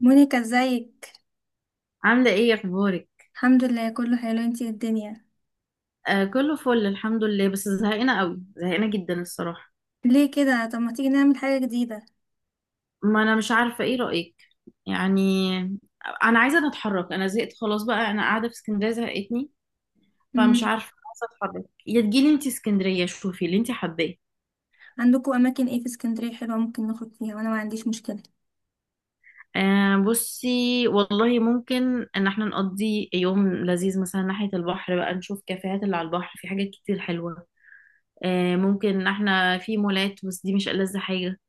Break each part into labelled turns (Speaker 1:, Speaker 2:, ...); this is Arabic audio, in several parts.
Speaker 1: مونيكا، ازيك؟
Speaker 2: عاملة ايه اخبارك؟
Speaker 1: الحمد لله كله حلو، انتي ايه الدنيا؟
Speaker 2: آه كله فل الحمد لله، بس زهقانة قوي، زهقانة جدا الصراحة.
Speaker 1: ليه كده؟ طب ما تيجي نعمل حاجة جديدة.
Speaker 2: ما انا مش عارفة، ايه رأيك؟ يعني انا عايزة اتحرك، انا زهقت خلاص بقى، انا قاعدة في اسكندرية زهقتني. فمش
Speaker 1: امم.
Speaker 2: عارفة، عايزة اتحرك، يا تجيلي انتي اسكندرية شوفي اللي انتي حباه.
Speaker 1: عندكم اماكن ايه في اسكندرية حلوة ممكن نخرج فيها؟ وانا ما عنديش مشكلة.
Speaker 2: آه بصي والله ممكن ان احنا نقضي يوم لذيذ مثلا ناحية البحر بقى، نشوف كافيهات اللي على البحر، في حاجات كتير حلوة. آه ممكن ان احنا في مولات بس دي مش ألذ حاجة.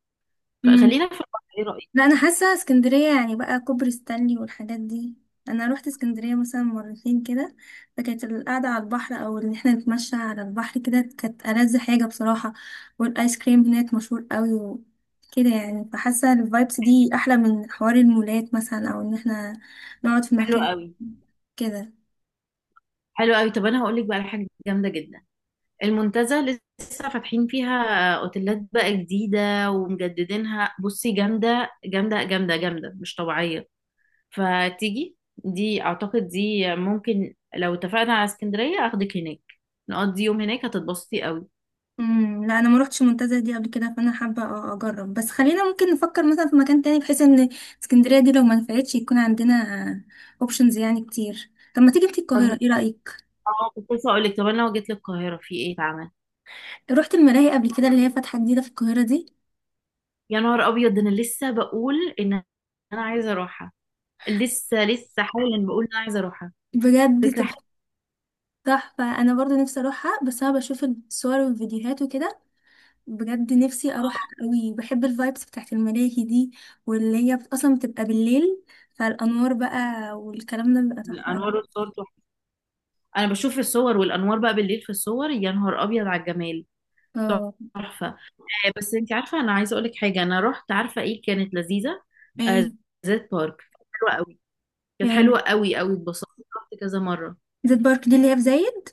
Speaker 2: فخلينا في البحر. ايه
Speaker 1: لا،
Speaker 2: رأيك؟
Speaker 1: انا حاسه اسكندريه يعني بقى كوبري ستانلي والحاجات دي. انا روحت اسكندريه مثلا مرتين كده، فكانت القعده على البحر او ان احنا نتمشى على البحر كده كانت ألذ حاجه بصراحه. والايس كريم هناك مشهور قوي وكده، يعني فحاسه الفايبس دي احلى من حوار المولات مثلا او ان احنا نقعد في
Speaker 2: حلو
Speaker 1: مكان
Speaker 2: قوي.
Speaker 1: كده.
Speaker 2: حلو قوي، طب انا هقول لك بقى على حاجه جامده جدا. المنتزه لسه فاتحين فيها اوتيلات بقى جديده ومجددينها، بصي جامده جامده مش طبيعيه. فتيجي دي، اعتقد دي ممكن لو اتفقنا على اسكندريه اخدك هناك، نقضي يوم هناك هتتبسطي قوي.
Speaker 1: امم. لا انا ما روحتش المنتزه دي قبل كده، فانا حابه اجرب، بس خلينا ممكن نفكر مثلا في مكان تاني بحيث ان اسكندريه دي لو ما نفعتش يكون عندنا اوبشنز يعني كتير. طب ما تيجي انتي
Speaker 2: طب
Speaker 1: القاهره؟ ايه رايك؟
Speaker 2: اه كنت لسه اقول لك، طب انا لو جيت للقاهره في ايه اتعمل؟
Speaker 1: رحت الملاهي قبل كده اللي هي فاتحه جديده في القاهره دي؟
Speaker 2: يا نهار ابيض، ده انا لسه بقول ان انا عايزه اروحها، لسه حالا بقول ان انا عايزه اروحها.
Speaker 1: بجد
Speaker 2: فكره.
Speaker 1: تحفه. تحفه، انا برضو نفسي اروحها بس انا بشوف الصور والفيديوهات وكده. بجد نفسي اروح قوي، بحب الفايبس بتاعت الملاهي دي، واللي هي اصلا بتبقى بالليل، فالانوار بقى والكلام ده بيبقى
Speaker 2: حلوه
Speaker 1: تحفه قوي.
Speaker 2: انوار الصور، انا بشوف في الصور والانوار بقى بالليل في الصور، يا نهار ابيض على الجمال.
Speaker 1: اه.
Speaker 2: تحفه. بس انت عارفه انا عايزه اقول لك حاجه، انا رحت عارفه ايه كانت لذيذه؟ آه،
Speaker 1: ايه؟
Speaker 2: زيت بارك. حلوه قوي. كانت
Speaker 1: آه.
Speaker 2: حلوه قوي قوي، اتبسطت. رحت كذا مره.
Speaker 1: زيت بارك دي اللي هي في زايد؟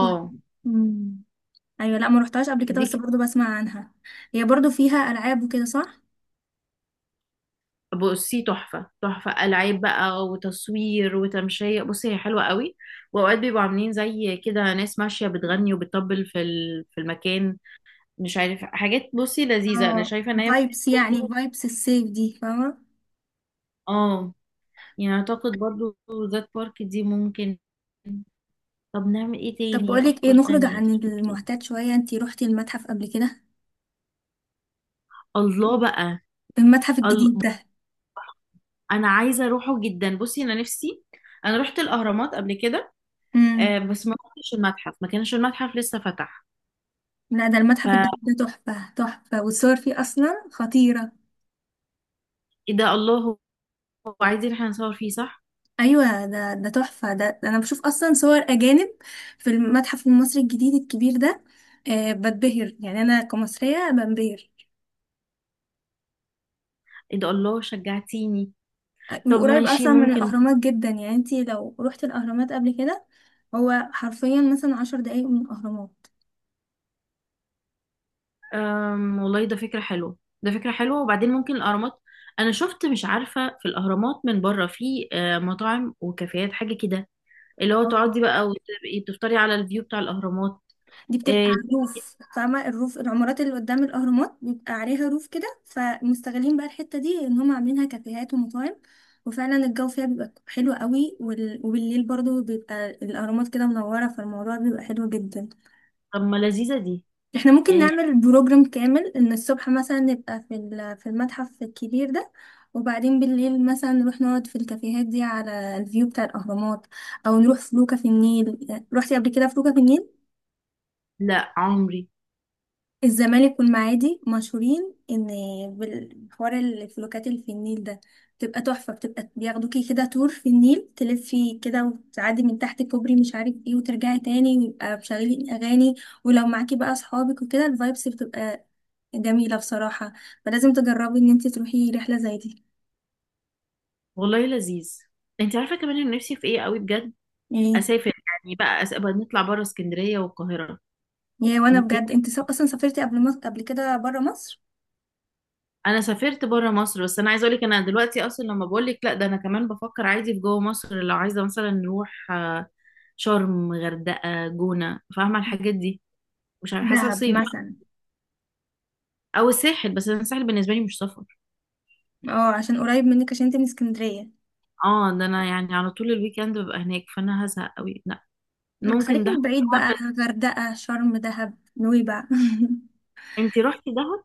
Speaker 1: و- مم. ايوه. لا ما روحتهاش قبل كده
Speaker 2: دي
Speaker 1: بس
Speaker 2: كانت
Speaker 1: برضو بسمع عنها. هي برضو فيها العاب وكده صح؟
Speaker 2: بصي تحفه تحفه، العاب بقى وتصوير وتمشيه، بصي هي حلوه قوي. واوقات بيبقوا عاملين زي كده ناس ماشيه بتغني وبتطبل في في المكان، مش عارف حاجات، بصي لذيذه، انا
Speaker 1: اه،
Speaker 2: شايفه ان هي
Speaker 1: فايبس يعني،
Speaker 2: برضه.
Speaker 1: فايبس السيف دي فاهمه؟
Speaker 2: اه يعني اعتقد برضو ذات بارك دي ممكن. طب نعمل ايه
Speaker 1: طب
Speaker 2: تاني،
Speaker 1: بقولك ايه،
Speaker 2: افكار
Speaker 1: نخرج
Speaker 2: تانية
Speaker 1: عن
Speaker 2: تفتكري؟
Speaker 1: المعتاد شويه، انتي روحتي المتحف قبل كده؟
Speaker 2: الله بقى.
Speaker 1: المتحف
Speaker 2: ال...
Speaker 1: الجديد ده.
Speaker 2: انا عايزة اروحه جدا، بصي انا نفسي. انا رحت الاهرامات قبل كده، آه
Speaker 1: امم.
Speaker 2: بس ما رحتش المتحف، ما كانش المتحف لسه فتح.
Speaker 1: لا ده المتحف
Speaker 2: فايه
Speaker 1: الجديد ده تحفه تحفه، والصور فيه اصلا خطيره.
Speaker 2: ده، الله، هو هو عايزين احنا نصور فيه صح؟
Speaker 1: ايوه، ده تحفه، ده انا بشوف اصلا صور اجانب في المتحف المصري الجديد الكبير ده. أه بتبهر، يعني انا كمصريه بنبهر.
Speaker 2: ايه ده، الله شجعتيني. طب
Speaker 1: وقريب
Speaker 2: ماشي
Speaker 1: اصلا من
Speaker 2: ممكن.
Speaker 1: الاهرامات جدا، يعني انتي لو روحتي الاهرامات قبل كده. هو حرفيا مثلا 10 دقايق من الاهرامات.
Speaker 2: والله ده فكرة حلوة، ده فكرة حلوة. وبعدين ممكن الاهرامات، انا شفت مش عارفة في الاهرامات من بره في مطاعم وكافيهات حاجة كده، اللي هو
Speaker 1: اه. آه.
Speaker 2: تقعدي بقى وتبقي بتفطري على الفيو بتاع الأهرامات.
Speaker 1: دي بتبقى
Speaker 2: إيه.
Speaker 1: على الروف، فاهمة؟ الروف، العمارات اللي قدام الاهرامات بيبقى عليها روف كده، فمستغلين بقى الحتة دي ان هم عاملينها كافيهات ومطاعم. وفعلا الجو فيها بيبقى حلو قوي، وبالليل برضو بيبقى الاهرامات كده منورة، فالموضوع بيبقى حلو جدا.
Speaker 2: طب ما لذيذة دي.
Speaker 1: احنا ممكن
Speaker 2: يعني
Speaker 1: نعمل بروجرام كامل، ان الصبح مثلا نبقى في في المتحف الكبير ده، وبعدين بالليل مثلا نروح نقعد في الكافيهات دي على الفيو بتاع الاهرامات، او نروح فلوكة في النيل. روحتي قبل كده فلوكة في النيل؟
Speaker 2: لا عمري.
Speaker 1: الزمالك والمعادي مشهورين ان بالحوار الفلوكات اللي في النيل ده بتبقى تحفة، بتبقى بياخدوكي كده تور في النيل، تلفي كده وتعدي من تحت كوبري مش عارف ايه وترجعي تاني، ويبقى مشغلين اغاني. ولو معاكي بقى اصحابك وكده الفايبس بتبقى جميلة بصراحة. فلازم تجربي ان انت تروحي رحلة زي دي.
Speaker 2: والله لذيذ. انت عارفة كمان انا نفسي في ايه قوي بجد؟
Speaker 1: ايه؟
Speaker 2: اسافر يعني بقى، بقى نطلع بره اسكندرية والقاهرة.
Speaker 1: يا وانا
Speaker 2: انت.
Speaker 1: بجد، انت اصلا سافرتي قبل مصر، قبل كده برا مصر؟
Speaker 2: انا سافرت بره مصر، بس انا عايزة اقولك انا دلوقتي اصلا لما بقول لك لا، ده انا كمان بفكر عادي في جوه مصر، لو عايزة مثلا نروح شرم، غردقة، جونة، فاهمة الحاجات دي. مش عارفة، حاسة
Speaker 1: دهب
Speaker 2: صيف.
Speaker 1: مثلا.
Speaker 2: او الساحل، بس انا الساحل بالنسبة لي مش سفر.
Speaker 1: اه عشان قريب منك، عشان انت من اسكندرية.
Speaker 2: اه ده انا يعني على طول الويك اند ببقى هناك، فانا هزهق قوي، لا.
Speaker 1: لأ،
Speaker 2: ممكن
Speaker 1: خليكي
Speaker 2: دهب.
Speaker 1: من بعيد بقى.
Speaker 2: بس
Speaker 1: غردقة، شرم، دهب، نويبع
Speaker 2: انتي رحتي دهب؟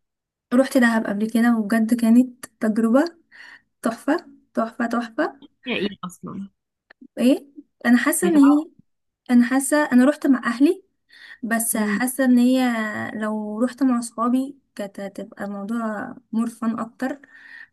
Speaker 1: روحت دهب قبل كده وبجد كانت تجربة تحفة. تحفة تحفة.
Speaker 2: يا ايه اصلا.
Speaker 1: ايه؟ انا حاسة ان هي، انا حاسه انا روحت مع اهلي، بس
Speaker 2: بتعرفي
Speaker 1: حاسه ان هي لو روحت مع صحابي كانت هتبقى موضوع مرفن اكتر.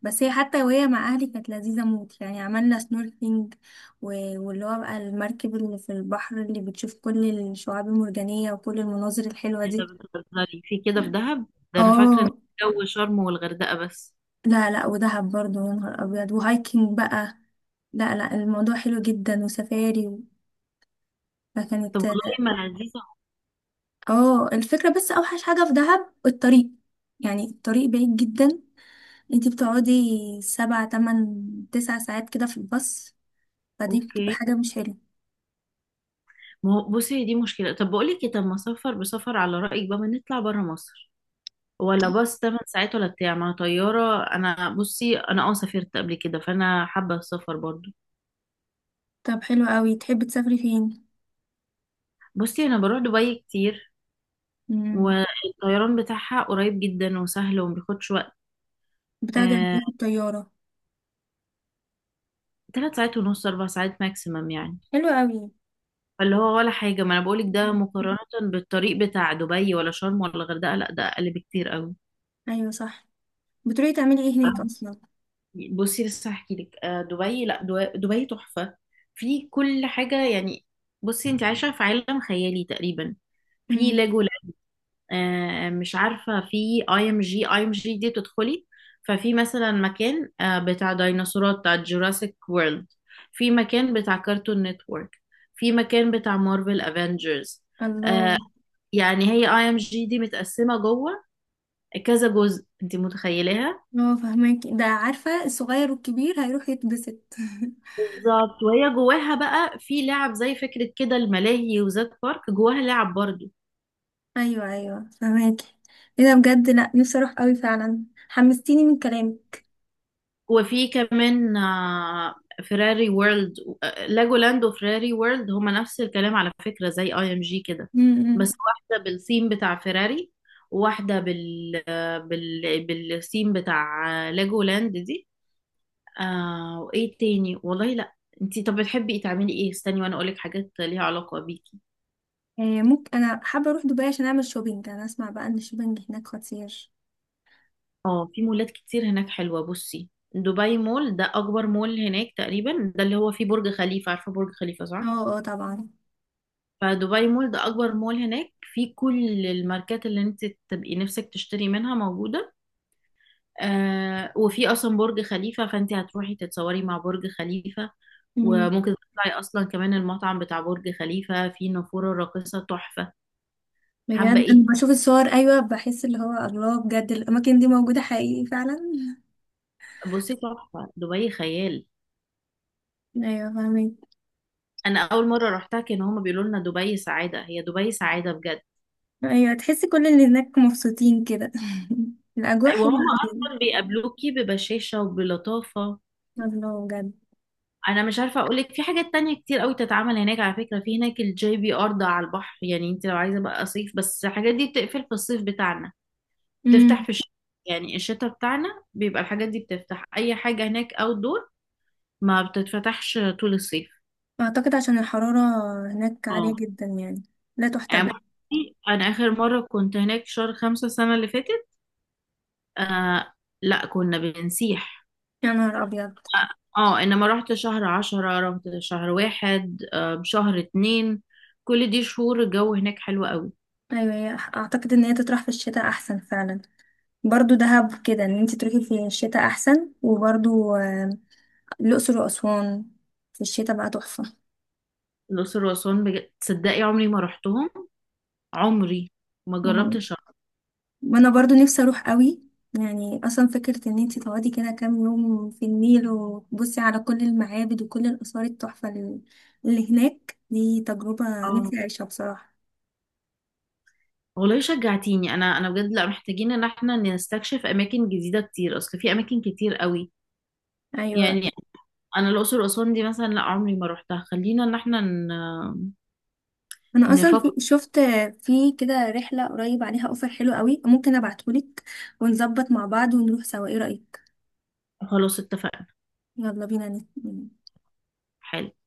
Speaker 1: بس هي حتى وهي مع اهلي كانت لذيذه موت، يعني عملنا سنوركلينج واللي هو بقى المركب اللي في البحر اللي بتشوف كل الشعاب المرجانيه وكل المناظر الحلوه
Speaker 2: كده
Speaker 1: دي.
Speaker 2: بتهزري في كده في دهب؟ ده انا فاكره ان
Speaker 1: اه.
Speaker 2: جو شرم والغردقه بس.
Speaker 1: لا لا، ودهب برضو يا نهار ابيض، وهايكنج بقى. لا لا، الموضوع حلو جدا، وسفاري
Speaker 2: طب
Speaker 1: فكانت.
Speaker 2: والله ما لذيذه.
Speaker 1: اه الفكرة، بس اوحش حاجة في دهب الطريق. يعني الطريق بعيد جدا. انتي بتقعدي 7 8 9 ساعات كده في الباص، فدي
Speaker 2: اوكي.
Speaker 1: بتبقى حاجة مش حلوة.
Speaker 2: ما هو بصي دي مشكله، طب بقول لك طب ما سفر بسفر على رايك بقى، ما نطلع بره مصر؟ ولا باص 8 ساعات، ولا بتاع ما طياره. انا بصي انا اه سافرت قبل كده، فانا حابه السفر برضو.
Speaker 1: طب حلو قوي، تحبي تسافري فين؟
Speaker 2: بصي انا بروح دبي كتير،
Speaker 1: امم.
Speaker 2: والطيران بتاعها قريب جدا وسهل ومبياخدش وقت.
Speaker 1: بتاخدي قد
Speaker 2: آه،
Speaker 1: ايه في الطيارة؟
Speaker 2: 3 ساعات ونص، 4 ساعات ماكسيمم يعني.
Speaker 1: حلو قوي.
Speaker 2: فاللي هو ولا حاجة، ما أنا بقولك ده مقارنة بالطريق بتاع دبي ولا شرم ولا الغردقة، لأ ده أقل بكتير أوي.
Speaker 1: ايوه صح. بتروحي تعملي ايه هناك اصلا؟
Speaker 2: بصي لسه هحكيلك، دبي تحفة، في كل حاجة يعني. بصي أنت عايشة في عالم خيالي تقريبا. في
Speaker 1: امم.
Speaker 2: لاجو، مش عارفة، في اي ام جي، اي ام جي دي تدخلي، ففي مثلا مكان بتاع ديناصورات، بتاع جوراسيك وورلد، في مكان بتاع كارتون نتورك، في مكان بتاع مارفل افنجرز.
Speaker 1: الله.
Speaker 2: يعني هي اي ام جي دي متقسمة جوه كذا جزء، انت متخيلاها.
Speaker 1: اه فهماكي، ده عارفة الصغير والكبير هيروح يتبسط
Speaker 2: بالظبط، وهي جواها بقى في لعب زي فكرة كده الملاهي، وزاد بارك جواها لعب برضو.
Speaker 1: ايوه ايوه فهماكي. ايه ده بجد! لا، نفسي اروح قوي فعلا، حمستيني من كلامك.
Speaker 2: وفي كمان فيراري وورلد. لاجولاند وفيراري وورلد هما نفس الكلام على فكرة، زي اي ام جي كده،
Speaker 1: امم.
Speaker 2: بس واحدة بالثيم بتاع فيراري، وواحدة بال بالثيم بتاع لاجولاند دي. آه، وايه تاني والله، لا. انتي طب بتحبي ايه، تعملي ايه؟ استني وانا اقولك حاجات ليها علاقة بيكي.
Speaker 1: إيه؟ ممكن انا حابه اروح دبي عشان اعمل شوبينج، انا اسمع بقى ان الشوبينج هناك خطير.
Speaker 2: اه في مولات كتير هناك حلوة. بصي دبي مول ده اكبر مول هناك تقريبا، ده اللي هو فيه برج خليفة، عارفة برج خليفة
Speaker 1: اه
Speaker 2: صح؟
Speaker 1: اه طبعا.
Speaker 2: فدبي مول ده اكبر مول هناك، في كل الماركات اللي انت تبقي نفسك تشتري منها موجوده. آه، وفي اصلا برج خليفه، فانت هتروحي تتصوري مع برج خليفه،
Speaker 1: مم.
Speaker 2: وممكن تطلعي اصلا كمان المطعم بتاع برج خليفه، في نافوره راقصه تحفه. حابه
Speaker 1: بجد
Speaker 2: ايه.
Speaker 1: انا بشوف الصور، ايوه بحس اللي هو الله، بجد الاماكن دي موجوده حقيقي فعلا
Speaker 2: بصي تحفه، دبي خيال.
Speaker 1: ايوه فاهمين.
Speaker 2: انا اول مره رحتها كان هما بيقولوا لنا دبي سعاده، هي دبي سعاده بجد.
Speaker 1: ايوه، تحسي كل اللي هناك مبسوطين كده الاجواء حلوه
Speaker 2: وهم
Speaker 1: قوي.
Speaker 2: اصلا بيقابلوكي ببشاشه وبلطافه.
Speaker 1: الله بجد.
Speaker 2: انا مش عارفه اقول لك، في حاجات تانية كتير قوي تتعمل هناك. على فكره في هناك الجي بي ار ده على البحر، يعني انت لو عايزه بقى صيف، بس الحاجات دي بتقفل في الصيف بتاعنا،
Speaker 1: امم.
Speaker 2: تفتح في الشتاء. يعني الشتاء بتاعنا بيبقى الحاجات دي بتفتح، اي حاجه هناك اوت دور ما بتتفتحش طول الصيف.
Speaker 1: اعتقد عشان الحراره هناك
Speaker 2: اه
Speaker 1: عاليه جدا، يعني لا
Speaker 2: يعني
Speaker 1: تحتمل.
Speaker 2: بصي، انا اخر مره كنت هناك شهر 5 السنه اللي فاتت. آه، لا كنا بنسيح.
Speaker 1: يا نهار ابيض.
Speaker 2: اه. انما رحت شهر 10، رحت شهر واحد، آه شهر اتنين، كل دي شهور الجو هناك حلو قوي.
Speaker 1: ايوه، اعتقد ان هي تطرح في الشتاء احسن فعلا. برضو دهب كده، ان انت تروحي في الشتاء احسن. وبرضو الاقصر واسوان في الشتاء بقى تحفه.
Speaker 2: الأقصر وأسوان بجد تصدقي عمري ما رحتهم، عمري ما
Speaker 1: مهم.
Speaker 2: جربتش أروح.
Speaker 1: وانا برضو نفسي اروح قوي. يعني اصلا فكره ان انت تقعدي كده كام يوم في النيل، وتبصي على كل المعابد وكل الاثار التحفه اللي هناك دي، تجربه
Speaker 2: اه
Speaker 1: نفسي اعيشها بصراحه.
Speaker 2: والله شجعتيني. أنا بجد لا، محتاجين إن احنا نستكشف أماكن جديدة كتير، أصل في أماكن كتير قوي
Speaker 1: ايوه.
Speaker 2: يعني أنا الأقصر وأسوان دي مثلا لا عمري ما رحتها. خلينا إن احنا
Speaker 1: انا اصلا
Speaker 2: نفكر.
Speaker 1: شفت في كده رحله قريب عليها اوفر حلو قوي، ممكن ابعتهولك ونظبط مع بعض ونروح سوا، ايه رايك؟
Speaker 2: خلاص اتفقنا.
Speaker 1: يلا بينا
Speaker 2: حلو